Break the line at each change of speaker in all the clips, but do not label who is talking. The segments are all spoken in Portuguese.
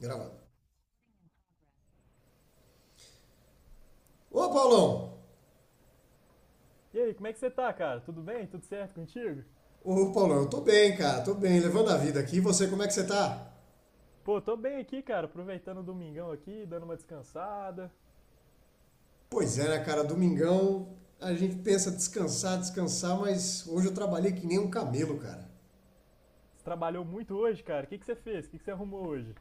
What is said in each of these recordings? Gravando. Ô, Paulão!
E aí, como é que você tá, cara? Tudo bem? Tudo certo contigo?
Ô, Paulão, eu tô bem, cara, tô bem, levando a vida aqui. E você, como é que você tá?
Pô, tô bem aqui, cara, aproveitando o domingão aqui, dando uma descansada.
Pois é, né, cara, domingão a gente pensa descansar, mas hoje eu trabalhei que nem um camelo, cara.
Você trabalhou muito hoje, cara. O que que você fez? O que que você arrumou hoje?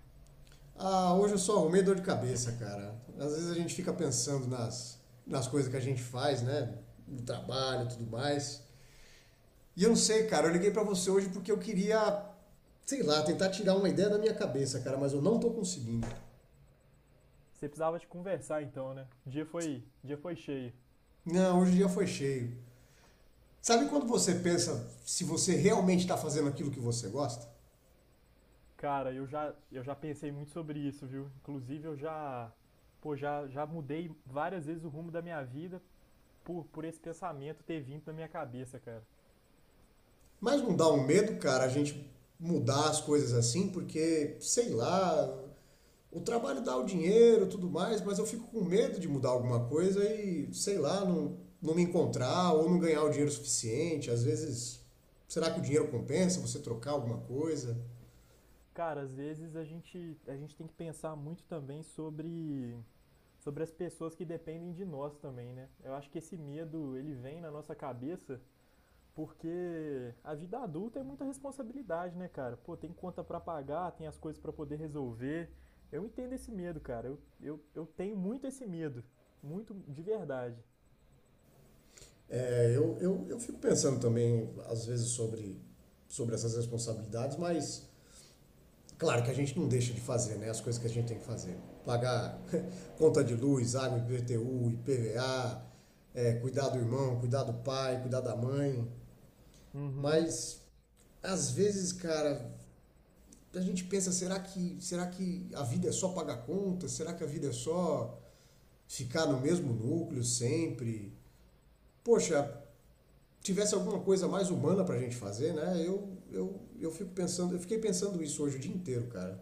Ah, hoje eu só arrumei dor de cabeça, cara. Às vezes a gente fica pensando nas coisas que a gente faz, né, no trabalho e tudo mais. E eu não sei, cara, eu liguei pra você hoje porque eu queria, sei lá, tentar tirar uma ideia da minha cabeça, cara, mas eu não tô conseguindo.
Você precisava de conversar então, né? O dia foi cheio.
Não, hoje o dia foi cheio. Sabe quando você pensa se você realmente está fazendo aquilo que você gosta?
Cara, eu já pensei muito sobre isso, viu? Inclusive, eu já, pô, já mudei várias vezes o rumo da minha vida por esse pensamento ter vindo na minha cabeça, cara.
Mas não dá um medo, cara, a gente mudar as coisas assim, porque, sei lá, o trabalho dá o dinheiro e tudo mais, mas eu fico com medo de mudar alguma coisa e, sei lá, não me encontrar ou não ganhar o dinheiro suficiente. Às vezes, será que o dinheiro compensa você trocar alguma coisa?
Cara, às vezes a gente tem que pensar muito também sobre as pessoas que dependem de nós também, né? Eu acho que esse medo, ele vem na nossa cabeça porque a vida adulta é muita responsabilidade, né, cara? Pô, tem conta pra pagar, tem as coisas pra poder resolver. Eu entendo esse medo, cara. Eu tenho muito esse medo. Muito de verdade.
É, eu fico pensando também, às vezes, sobre essas responsabilidades, mas claro que a gente não deixa de fazer, né, as coisas que a gente tem que fazer. Pagar conta de luz, água, IPTU, IPVA, é, cuidar do irmão, cuidar do pai, cuidar da mãe.
Uhum.
Mas às vezes, cara, a gente pensa, será que a vida é só pagar conta? Será que a vida é só ficar no mesmo núcleo sempre? Poxa, tivesse alguma coisa mais humana pra gente fazer, né? Eu fico pensando, eu fiquei pensando isso hoje o dia inteiro, cara.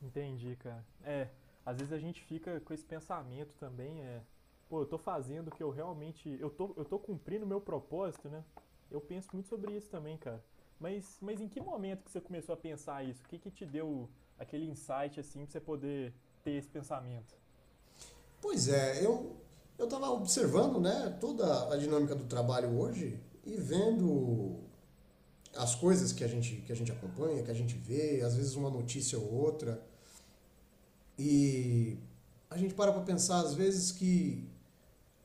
Entendi, cara. É, às vezes a gente fica com esse pensamento também, é, pô, eu tô fazendo o que eu realmente, eu tô cumprindo o meu propósito, né? Eu penso muito sobre isso também, cara. Mas em que momento que você começou a pensar isso? O que que te deu aquele insight assim pra você poder ter esse pensamento?
Pois é, eu estava observando, né, toda a dinâmica do trabalho hoje e vendo as coisas que a gente acompanha, que a gente vê, às vezes uma notícia ou outra. E a gente para para pensar, às vezes, que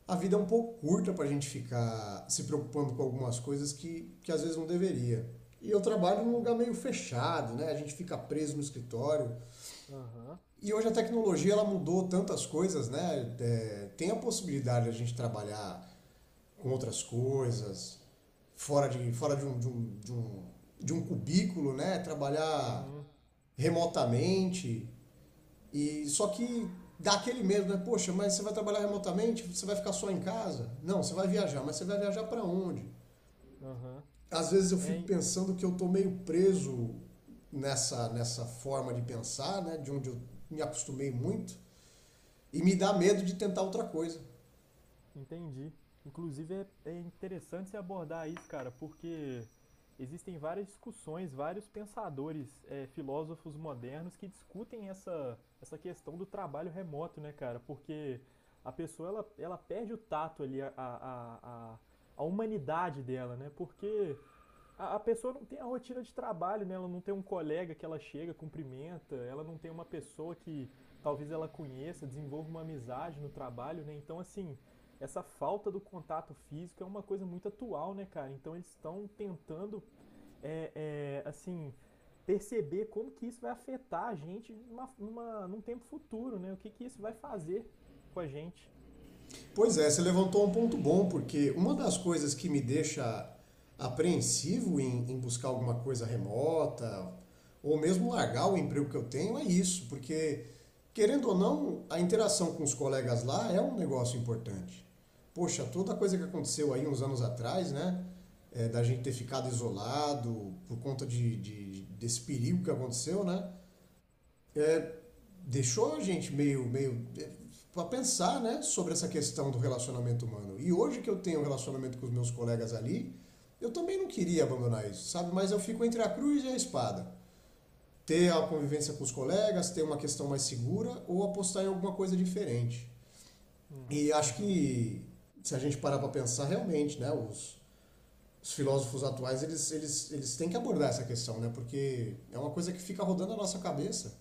a vida é um pouco curta para a gente ficar se preocupando com algumas coisas que às vezes não deveria. E eu trabalho num
Hum.
lugar meio fechado, né? A gente fica preso no escritório.
Aham,
E hoje a tecnologia ela mudou tantas coisas, né? É, tem a possibilidade de a gente trabalhar com outras coisas, fora de, um, de, um, de, um, de um cubículo, né? Trabalhar
uhum,
remotamente. Só que dá aquele medo, né? Poxa, mas você vai trabalhar remotamente? Você vai ficar só em casa? Não, você vai viajar, mas você vai viajar para onde?
aham.
Às vezes eu fico
É,
pensando que eu tô meio preso nessa forma de pensar, né? De onde eu me acostumei muito. E me dá medo de tentar outra coisa.
entendi. Inclusive é, é interessante se abordar isso, cara, porque existem várias discussões, vários pensadores, é, filósofos modernos que discutem essa questão do trabalho remoto, né, cara? Porque a pessoa ela perde o tato ali, a humanidade dela, né? Porque a pessoa não tem a rotina de trabalho, né? Ela não tem um colega que ela chega, cumprimenta, ela não tem uma pessoa que talvez ela conheça, desenvolva uma amizade no trabalho, né? Então, assim, essa falta do contato físico é uma coisa muito atual, né, cara? Então, eles estão tentando, é, é, assim, perceber como que isso vai afetar a gente num tempo futuro, né? O que que isso vai fazer com a gente.
Pois é, você levantou um ponto bom, porque uma das coisas que me deixa apreensivo em, buscar alguma coisa remota, ou mesmo largar o emprego que eu tenho, é isso, porque, querendo ou não, a interação com os colegas lá é um negócio importante. Poxa, toda a coisa que aconteceu aí uns anos atrás, né? É, da gente ter ficado isolado por conta desse perigo que aconteceu, né? É, deixou a gente meio é, para pensar, né, sobre essa questão do relacionamento humano. E hoje que eu tenho um relacionamento com os meus colegas ali, eu também não queria abandonar isso, sabe? Mas eu fico entre a cruz e a espada. Ter a convivência com os colegas, ter uma questão mais segura ou apostar em alguma coisa diferente. E acho
Uhum.
que se a gente parar para pensar realmente, né, os, filósofos atuais, eles têm que abordar essa questão, né? Porque é uma coisa que fica rodando a nossa cabeça.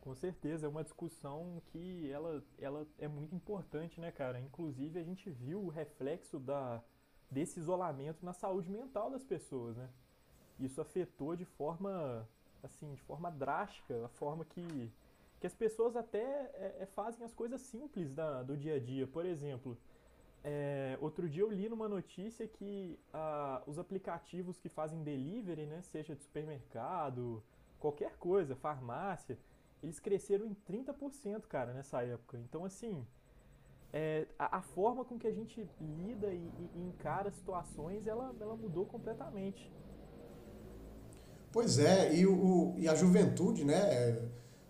Com certeza, é uma discussão que ela é muito importante, né, cara? Inclusive, a gente viu o reflexo da, desse isolamento na saúde mental das pessoas, né? Isso afetou de forma, assim, de forma drástica, a forma que as pessoas até é, é, fazem as coisas simples da, do dia a dia. Por exemplo, é, outro dia eu li numa notícia que ah, os aplicativos que fazem delivery, né, seja de supermercado, qualquer coisa, farmácia, eles cresceram em 30%, cara, nessa época. Então, assim, é, a forma com que a gente lida e, e encara situações, ela mudou completamente.
Pois é, e a juventude, né? É,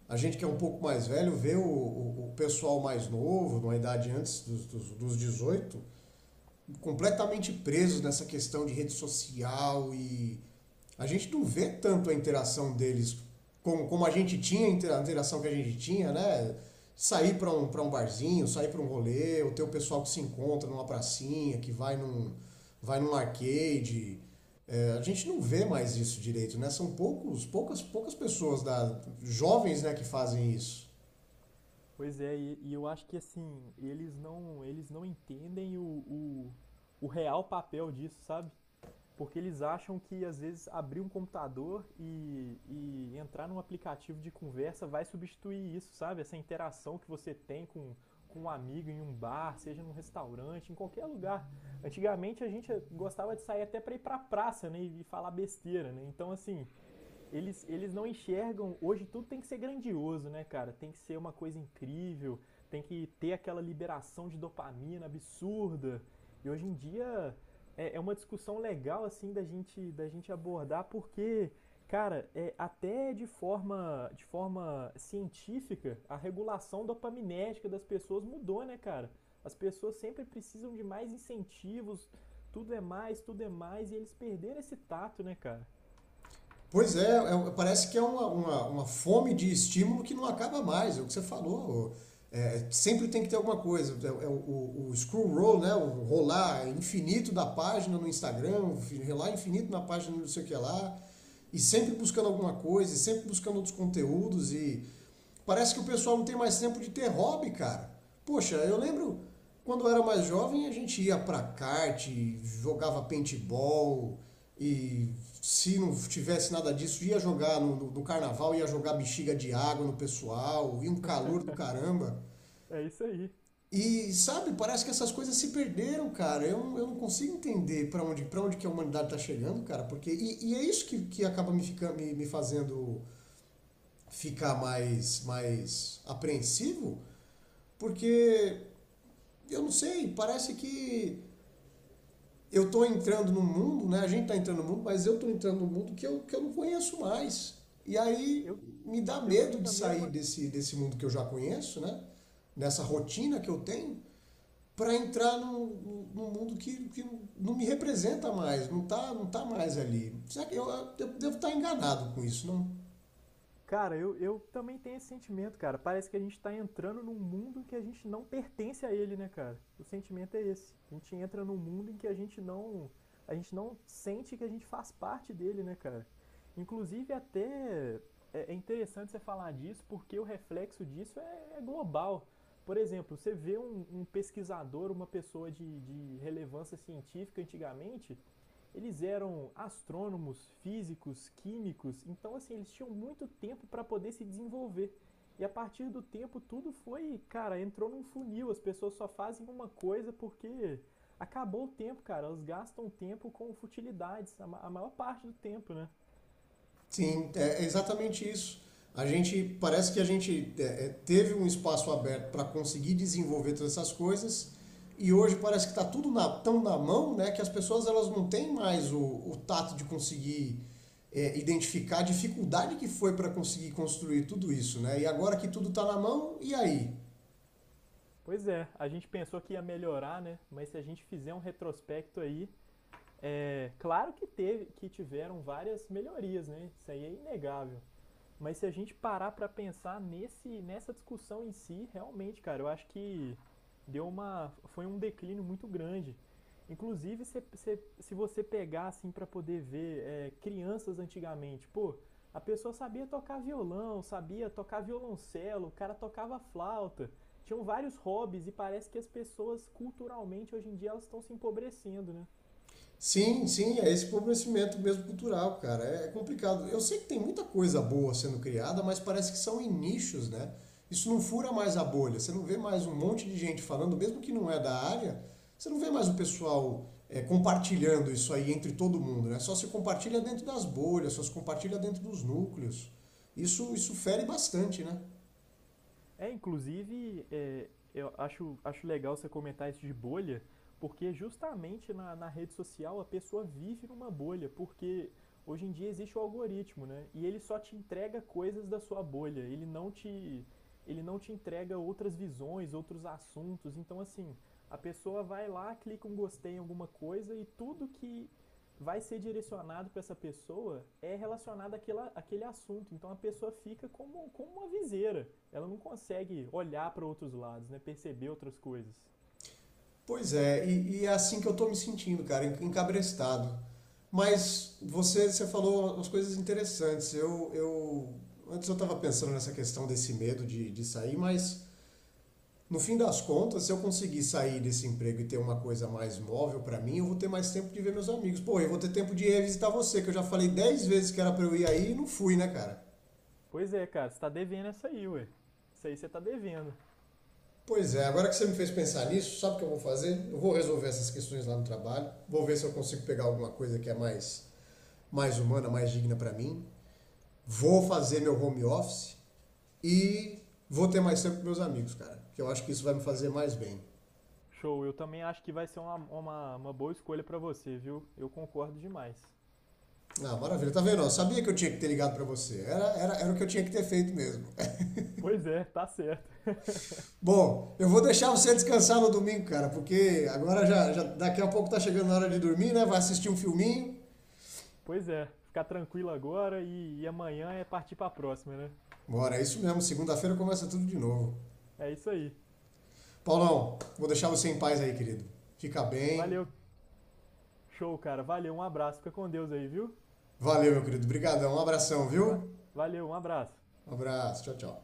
a gente que é um pouco mais velho vê o pessoal mais novo, numa idade antes dos 18, completamente presos nessa questão de rede social. E a gente não vê tanto a interação deles como, como a gente tinha, a interação que a gente tinha, né? Sair para para um barzinho, sair para um rolê, ou ter o pessoal que se encontra numa pracinha, que vai num arcade. É, a gente não vê mais isso direito, né? São poucos, poucas pessoas da, jovens, né, que fazem isso.
Pois é, e eu acho que, assim, eles não entendem o real papel disso, sabe? Porque eles acham que, às vezes, abrir um computador e entrar num aplicativo de conversa vai substituir isso, sabe? Essa interação que você tem com um amigo em um bar, seja num restaurante, em qualquer lugar. Antigamente a gente gostava de sair até para ir para a praça, né, e falar besteira, né? Então assim, eles não enxergam. Hoje tudo tem que ser grandioso, né, cara? Tem que ser uma coisa incrível, tem que ter aquela liberação de dopamina absurda. E hoje em dia é, é uma discussão legal, assim, da gente abordar, porque, cara, é, até de forma científica, a regulação dopaminética das pessoas mudou, né, cara? As pessoas sempre precisam de mais incentivos, tudo é mais, e eles perderam esse tato, né, cara?
Pois é, parece que é uma fome de estímulo que não acaba mais, é o que você falou. É, sempre tem que ter alguma coisa. É, é o scroll roll, né? O rolar infinito da página no Instagram, o rolar infinito na página não sei o que lá, e sempre buscando alguma coisa, e sempre buscando outros conteúdos, e parece que o pessoal não tem mais tempo de ter hobby, cara. Poxa, eu lembro quando eu era mais jovem, a gente ia pra kart, jogava paintball e se não tivesse nada disso, ia jogar no carnaval, ia jogar bexiga de água no pessoal, e um calor do caramba.
É isso aí.
E sabe, parece que essas coisas se perderam, cara. Eu não consigo entender pra onde, para onde que a humanidade tá chegando, cara, porque e é isso que acaba me, fica, me fazendo ficar mais apreensivo, porque eu não sei, parece que eu estou entrando no mundo, né? A gente está entrando no mundo, mas eu estou entrando no mundo que que eu não conheço mais. E aí
Eu,
me dá
Eu
medo
sinto
de
a
sair
mesma.
desse mundo que eu já conheço, né? Nessa rotina que eu tenho, para entrar num mundo que não me representa mais, não tá mais ali. Será que eu devo estar enganado com isso, não?
Cara, eu também tenho esse sentimento, cara. Parece que a gente tá entrando num mundo em que a gente não pertence a ele, né, cara? O sentimento é esse. A gente entra num mundo em que a gente não. A gente não sente que a gente faz parte dele, né, cara? Inclusive, até é interessante você falar disso, porque o reflexo disso é global. Por exemplo, você vê um pesquisador, uma pessoa de relevância científica antigamente, eles eram astrônomos, físicos, químicos, então assim, eles tinham muito tempo para poder se desenvolver. E a partir do tempo tudo foi, cara, entrou num funil, as pessoas só fazem uma coisa porque acabou o tempo, cara. Elas gastam tempo com futilidades, a maior parte do tempo, né?
Sim, é exatamente isso. A gente parece que a gente teve um espaço aberto para conseguir desenvolver todas essas coisas e hoje parece que está tudo tão na mão, né, que as pessoas, elas não têm mais o tato de conseguir é, identificar a dificuldade que foi para conseguir construir tudo isso, né? E agora que tudo está na mão, e aí?
Pois é, a gente pensou que ia melhorar, né? Mas se a gente fizer um retrospecto aí, é claro que teve, que tiveram várias melhorias, né? Isso aí é inegável. Mas se a gente parar para pensar nessa discussão em si, realmente, cara, eu acho que deu uma foi um declínio muito grande. Inclusive, se você pegar assim para poder ver é, crianças antigamente, pô, a pessoa sabia tocar violão, sabia tocar violoncelo, o cara tocava flauta, tinham vários hobbies e parece que as pessoas culturalmente hoje em dia elas estão se empobrecendo, né?
Sim, sim, é esse empobrecimento mesmo cultural, cara. É complicado. Eu sei que tem muita coisa boa sendo criada, mas parece que são em nichos, né? Isso não fura mais a bolha. Você não vê mais um monte de gente falando, mesmo que não é da área, você não vê mais o pessoal é, compartilhando isso aí entre todo mundo, né? Só se compartilha dentro das bolhas, só se compartilha dentro dos núcleos. Isso fere bastante, né?
É, inclusive, é, acho legal você comentar isso de bolha, porque justamente na, na rede social a pessoa vive numa bolha, porque hoje em dia existe o algoritmo, né? E ele só te entrega coisas da sua bolha, ele não te entrega outras visões, outros assuntos. Então, assim, a pessoa vai lá, clica um gostei em alguma coisa e tudo que vai ser direcionado para essa pessoa é relacionado àquela, àquele assunto. Então a pessoa fica como, como uma viseira, ela não consegue olhar para outros lados, né? Perceber outras coisas.
Pois é, e é assim que eu tô me sentindo, cara, encabrestado. Mas você, falou umas coisas interessantes. Eu antes eu estava pensando nessa questão desse medo de sair, mas no fim das contas, se eu conseguir sair desse emprego e ter uma coisa mais móvel para mim, eu vou ter mais tempo de ver meus amigos. Pô, eu vou ter tempo de ir visitar você, que eu já falei 10 vezes que era para eu ir aí e não fui, né, cara?
Pois é, cara, você tá devendo essa aí, ué. Isso aí você tá devendo.
Pois é, agora que você me fez pensar nisso, sabe o que eu vou fazer? Eu vou resolver essas questões lá no trabalho, vou ver se eu consigo pegar alguma coisa que é mais humana, mais digna para mim. Vou fazer meu home office e vou ter mais tempo com meus amigos, cara. Que eu acho que isso vai me fazer mais bem.
Show, eu também acho que vai ser uma boa escolha para você, viu? Eu concordo demais.
Ah, maravilha. Tá vendo? Eu sabia que eu tinha que ter ligado para você. Era o que eu tinha que ter feito mesmo.
Pois é, tá certo.
Bom, eu vou deixar você descansar no domingo, cara, porque agora já daqui a pouco tá chegando a hora de dormir, né? Vai assistir um filminho.
Pois é, ficar tranquilo agora e amanhã é partir pra próxima, né?
Bora, é isso mesmo. Segunda-feira começa tudo de novo.
É isso aí.
Paulão, vou deixar você em paz aí, querido. Fica bem.
Valeu, show, cara. Valeu, um abraço. Fica com Deus aí, viu?
Valeu, meu querido. Obrigadão. Um abração,
Va-
viu?
Valeu, um abraço.
Um abraço. Tchau, tchau.